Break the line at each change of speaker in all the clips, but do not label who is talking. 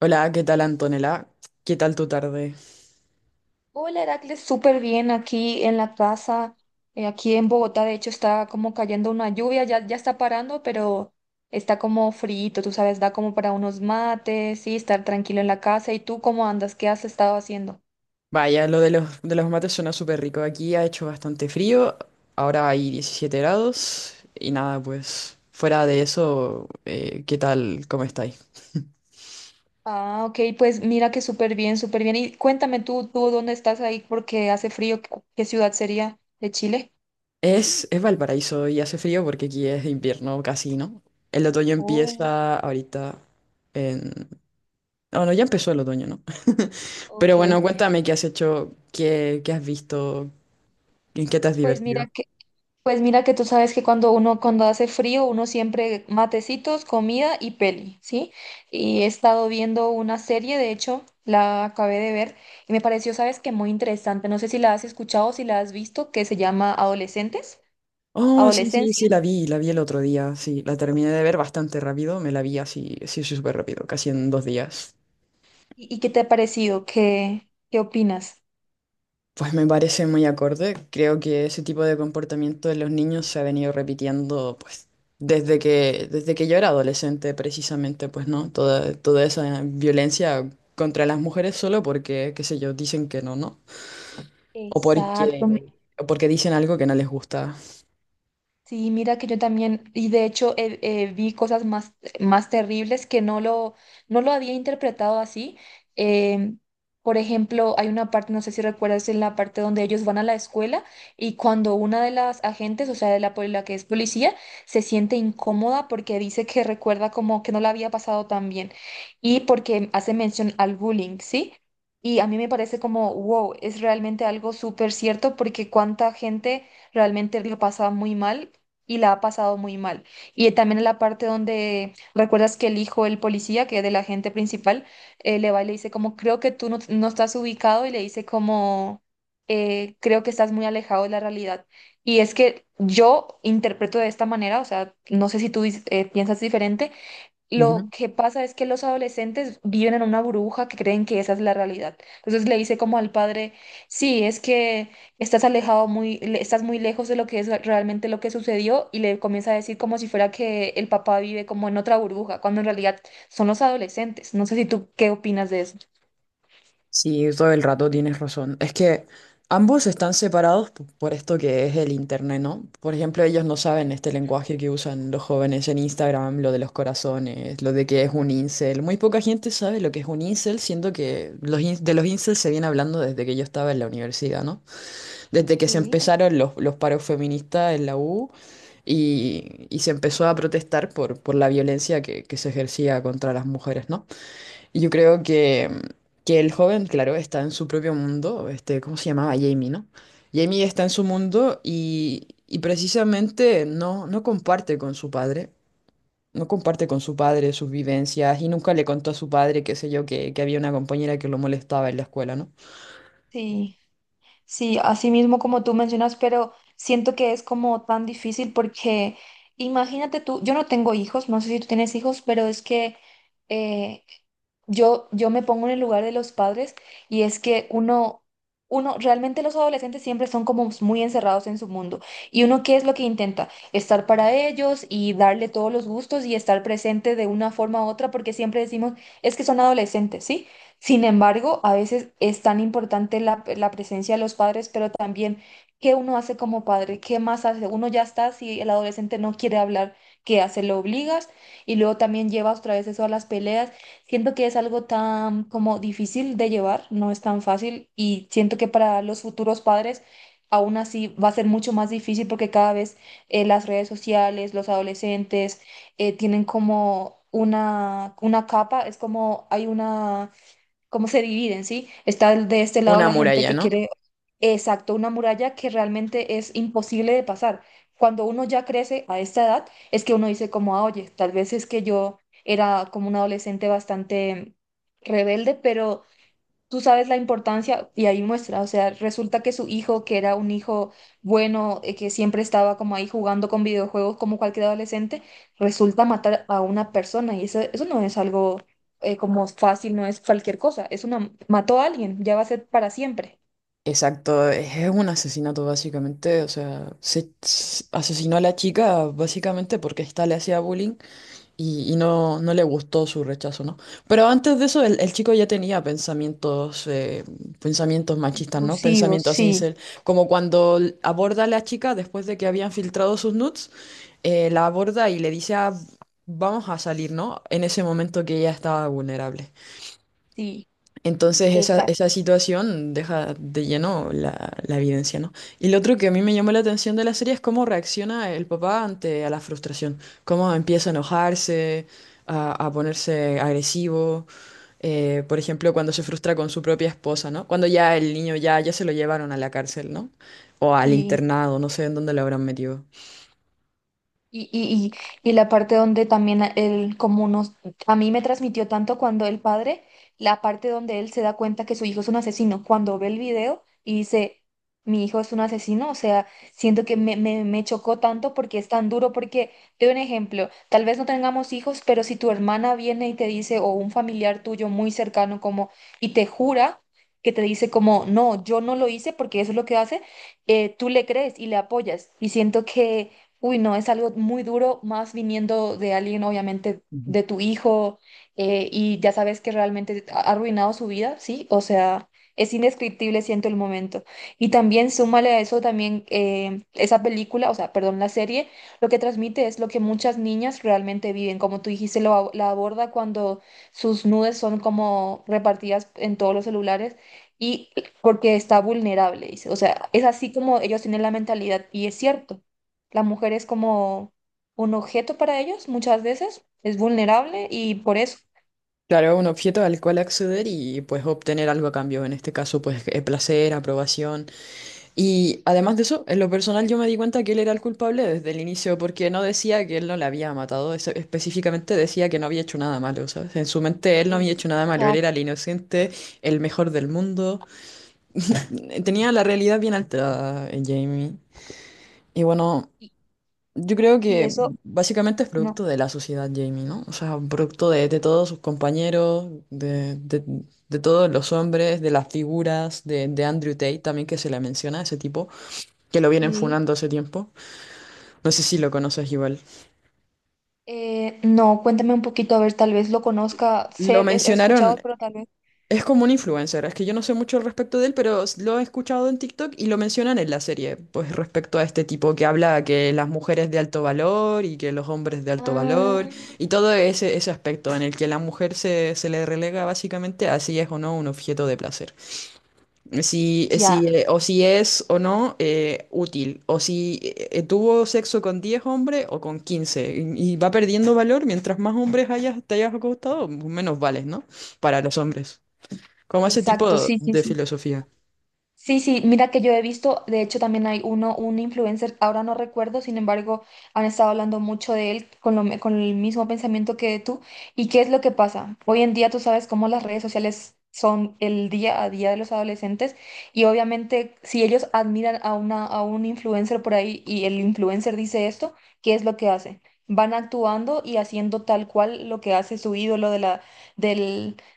Hola, ¿qué tal, Antonella? ¿Qué tal tu tarde?
Hola Heracles, súper bien aquí en la casa, aquí en Bogotá, de hecho está como cayendo una lluvia, ya está parando, pero está como frito, tú sabes, da como para unos mates y estar tranquilo en la casa. ¿Y tú cómo andas? ¿Qué has estado haciendo?
Vaya, lo de los mates suena súper rico. Aquí ha hecho bastante frío, ahora hay 17 grados y nada, pues fuera de eso, ¿qué tal? ¿Cómo estáis?
Ah, ok, pues mira que súper bien, súper bien. Y cuéntame tú dónde estás ahí porque hace frío, ¿qué ciudad sería de Chile?
Es Valparaíso y hace frío porque aquí es invierno casi, ¿no? El otoño
Oh,
empieza ahorita en... No, no, ya empezó el otoño, ¿no? Pero
ok.
bueno, cuéntame qué has hecho, qué has visto, en qué te has
Pues
divertido.
mira que... Pues mira que tú sabes que cuando hace frío, uno siempre matecitos, comida y peli, ¿sí? Y he estado viendo una serie, de hecho, la acabé de ver y me pareció, sabes que muy interesante. No sé si la has escuchado o si la has visto, que se llama Adolescentes,
Oh, sí, sí,
Adolescencia.
sí, la vi el otro día, sí, la terminé de ver bastante rápido, me la vi así, sí, súper rápido, casi en dos días.
¿Y qué te ha parecido? ¿Qué opinas?
Pues me parece muy acorde, creo que ese tipo de comportamiento de los niños se ha venido repitiendo, pues, desde que yo era adolescente, precisamente, pues, ¿no? Toda esa violencia contra las mujeres solo porque, qué sé yo, dicen que no, ¿no? O porque,
Exacto.
o porque dicen algo que no les gusta.
Sí, mira que yo también, y de hecho vi cosas más terribles que no lo había interpretado así. Em, por ejemplo, hay una parte, no sé si recuerdas, en la parte donde ellos van a la escuela y cuando una de las agentes, o sea, la que es policía, se siente incómoda porque dice que recuerda como que no la había pasado tan bien y porque hace mención al bullying, ¿sí? Y a mí me parece como, wow, es realmente algo súper cierto porque cuánta gente realmente lo pasa muy mal y la ha pasado muy mal. Y también en la parte donde recuerdas que el hijo, el policía, que es del agente principal, le va y le dice como, creo que tú no estás ubicado y le dice como, creo que estás muy alejado de la realidad. Y es que yo interpreto de esta manera, o sea, no sé si tú piensas diferente, lo que pasa es que los adolescentes viven en una burbuja que creen que esa es la realidad. Entonces le dice como al padre, sí, es que estás alejado estás muy lejos de lo que es realmente lo que sucedió y le comienza a decir como si fuera que el papá vive como en otra burbuja, cuando en realidad son los adolescentes. No sé si tú qué opinas de eso.
Sí, todo el rato tienes razón. Es que ambos están separados por esto que es el internet, ¿no? Por ejemplo, ellos no saben este lenguaje que usan los jóvenes en Instagram, lo de los corazones, lo de que es un incel. Muy poca gente sabe lo que es un incel, siendo que los in- de los incels se viene hablando desde que yo estaba en la universidad, ¿no? Desde que se
Sí,
empezaron los paros feministas en la U y se empezó a protestar por la violencia que se ejercía contra las mujeres, ¿no? Yo creo que, que el joven, claro, está en su propio mundo, este, ¿cómo se llamaba? Jamie, ¿no? Jamie está en su mundo y precisamente no comparte con su padre, no comparte con su padre sus vivencias y nunca le contó a su padre, qué sé yo, que había una compañera que lo molestaba en la escuela, ¿no?
sí. Sí, así mismo como tú mencionas, pero siento que es como tan difícil porque imagínate tú, yo no tengo hijos, no sé si tú tienes hijos, pero es que eh, yo me pongo en el lugar de los padres y es que uno, realmente los adolescentes siempre son como muy encerrados en su mundo. ¿Y uno qué es lo que intenta? Estar para ellos y darle todos los gustos y estar presente de una forma u otra porque siempre decimos, es que son adolescentes, ¿sí? Sin embargo, a veces es tan importante la presencia de los padres, pero también qué uno hace como padre, qué más hace. Uno ya está, si el adolescente no quiere hablar, ¿qué hace? Lo obligas y luego también llevas otra vez eso a las peleas. Siento que es algo tan como difícil de llevar, no es tan fácil y siento que para los futuros padres... Aún así va a ser mucho más difícil porque cada vez las redes sociales, los adolescentes tienen como una capa, es como hay una, cómo se dividen, ¿sí? Está el- de este lado
Una
la gente
muralla,
que
¿no?
quiere, exacto, una muralla que realmente es imposible de pasar. Cuando uno ya crece a esta edad, es que uno dice como, "Ah, oye, tal vez es que yo era como un adolescente bastante rebelde, pero tú sabes la importancia", y ahí muestra, o sea, resulta que su hijo, que era un hijo bueno, que siempre estaba como ahí jugando con videojuegos como cualquier adolescente, resulta matar a una persona y eso no es algo como fácil, no es cualquier cosa, es una, mató a alguien, ya va a ser para siempre.
Exacto, es un asesinato básicamente, o sea, asesinó a la chica básicamente porque ésta le hacía bullying y no le gustó su rechazo, ¿no? Pero antes de eso, el chico ya tenía pensamientos, pensamientos machistas, ¿no?
Intrusivos,
Pensamientos
sí.
incel, como cuando aborda a la chica después de que habían filtrado sus nudes, la aborda y le dice, "Ah, vamos a salir, ¿no?" En ese momento que ella estaba vulnerable.
Sí,
Entonces esa
exacto.
situación deja de lleno la, la evidencia, ¿no? Y lo otro que a mí me llamó la atención de la serie es cómo reacciona el papá ante a la frustración, cómo empieza a enojarse, a ponerse agresivo, por ejemplo, cuando se frustra con su propia esposa, ¿no? Cuando ya el niño ya se lo llevaron a la cárcel, ¿no? O al
Sí.
internado, no sé en dónde lo habrán metido.
Y, y, y la parte donde también él, como nos, a mí me transmitió tanto cuando el padre, la parte donde él se da cuenta que su hijo es un asesino, cuando ve el video y dice, mi hijo es un asesino, o sea, siento que me chocó tanto porque es tan duro, porque, te doy un ejemplo, tal vez no tengamos hijos, pero si tu hermana viene y te dice, o un familiar tuyo muy cercano como, y te jura, que te dice como, no, yo no lo hice porque eso es lo que hace, tú le crees y le apoyas. Y siento que uy, no, es algo muy duro, más viniendo de alguien, obviamente,
Ujú.
de tu hijo, y ya sabes que realmente ha arruinado su vida, ¿sí? O sea, es indescriptible, siento el momento. Y también súmale a eso también esa película, o sea, perdón, la serie, lo que transmite es lo que muchas niñas realmente viven. Como tú dijiste, la aborda cuando sus nudes son como repartidas en todos los celulares. Y porque está vulnerable, dice. O sea, es así como ellos tienen la mentalidad, y es cierto. La mujer es como un objeto para ellos muchas veces, es vulnerable y por eso.
Claro, un objeto al cual acceder y pues obtener algo a cambio, en este caso pues placer, aprobación. Y además de eso, en lo personal yo me di cuenta que él era el culpable desde el inicio, porque no decía que él no la había matado, específicamente decía que no había hecho nada malo, ¿sabes? En su mente él no había hecho nada malo, él era el
Exacto.
inocente, el mejor del mundo. Tenía la realidad bien alterada, Jamie. Y bueno,
Y,
yo creo
y
que
eso,
básicamente es
no,
producto de la sociedad, Jamie, ¿no? O sea, producto de todos sus compañeros, de todos los hombres, de las figuras, de Andrew Tate también que se le menciona, ese tipo que lo vienen
sí.
funando hace tiempo. No sé si lo conoces igual.
No, cuéntame un poquito, a ver, tal vez lo conozca,
Lo
sé, he escuchado,
mencionaron,
pero tal vez.
es como un influencer, es que yo no sé mucho al respecto de él, pero lo he escuchado en TikTok y lo mencionan en la serie, pues respecto a este tipo que habla que las mujeres de alto valor y que los hombres de alto
Ah,
valor y todo ese, ese aspecto en el que la mujer se le relega básicamente a si es o no un objeto de placer. Si,
ya,
si, o si es o no útil, o si tuvo sexo con 10 hombres o con 15 y va perdiendo valor mientras más hombres te hayas acostado, menos vales, ¿no? Para los hombres. Como ese
exacto,
tipo
sí, sí,
de
sí.
filosofía.
Sí, sí, mira que yo he visto, de hecho también hay uno, un influencer, ahora no recuerdo, sin embargo, han estado hablando mucho de él con el mismo pensamiento que tú. ¿Y qué es lo que pasa? Hoy en día tú sabes cómo las redes sociales son el día a día de los adolescentes y obviamente si ellos admiran a un influencer por ahí y el influencer dice esto, ¿qué es lo que hacen? Van actuando y haciendo tal cual lo que hace su ídolo de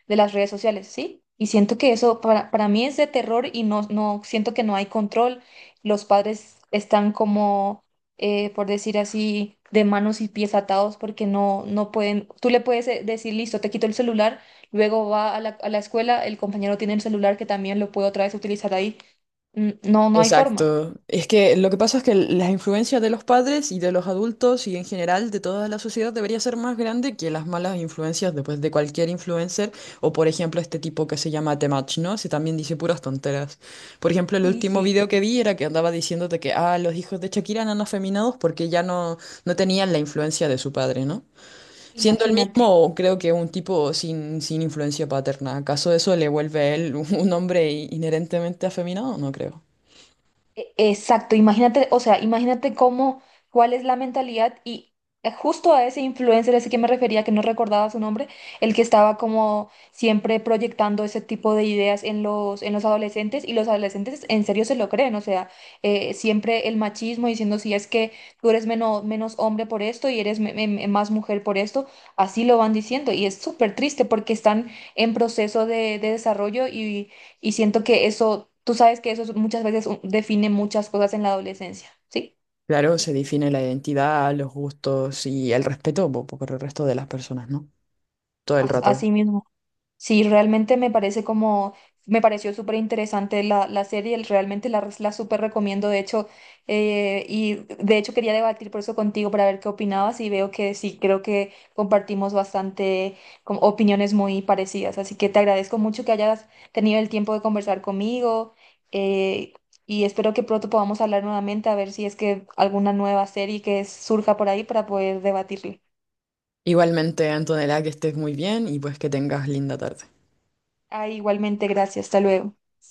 de las redes sociales, ¿sí? Y siento que eso para mí es de terror y no siento que no hay control. Los padres están como, por decir así, de manos y pies atados porque no pueden, tú le puedes decir, listo, te quito el celular, luego va a a la escuela, el compañero tiene el celular que también lo puede otra vez utilizar ahí. Mm, no, no hay forma.
Exacto. Es que lo que pasa es que las influencias de los padres y de los adultos y en general de toda la sociedad debería ser más grande que las malas influencias después de cualquier influencer o por ejemplo este tipo que se llama Temach, ¿no? Se también dice puras tonteras. Por ejemplo, el
Sí,
último
sí.
video que vi era que andaba diciéndote que ah, los hijos de Shakira eran afeminados porque no tenían la influencia de su padre, ¿no? Siendo el
Imagínate.
mismo, creo que un tipo sin influencia paterna. ¿Acaso eso le vuelve a él un hombre inherentemente afeminado? No creo.
Exacto, imagínate, o sea, imagínate cómo, cuál es la mentalidad y justo a ese influencer, ese que me refería, que no recordaba su nombre, el que estaba como siempre proyectando ese tipo de ideas en en los adolescentes y los adolescentes en serio se lo creen, o sea, siempre el machismo diciendo si es que tú eres menos hombre por esto y eres más mujer por esto, así lo van diciendo y es súper triste porque están en proceso de desarrollo y siento que eso, tú sabes que eso es- muchas veces un- define muchas cosas en la adolescencia, ¿sí?
Claro, se define la identidad, los gustos y el respeto por el resto de las personas, ¿no? Todo el rato.
Así mismo. Sí, realmente me parece como, me pareció súper interesante la serie, el- realmente la súper recomiendo, de hecho, y de hecho quería debatir por eso contigo para ver qué opinabas y veo que sí, creo que compartimos bastante como opiniones muy parecidas, así que te agradezco mucho que hayas tenido el tiempo de conversar conmigo, eh, y espero que pronto podamos hablar nuevamente a ver si es que alguna nueva serie que surja por ahí para poder debatirla.
Igualmente, Antonella, que estés muy bien y pues que tengas linda tarde.
Ah, igualmente, gracias, hasta luego.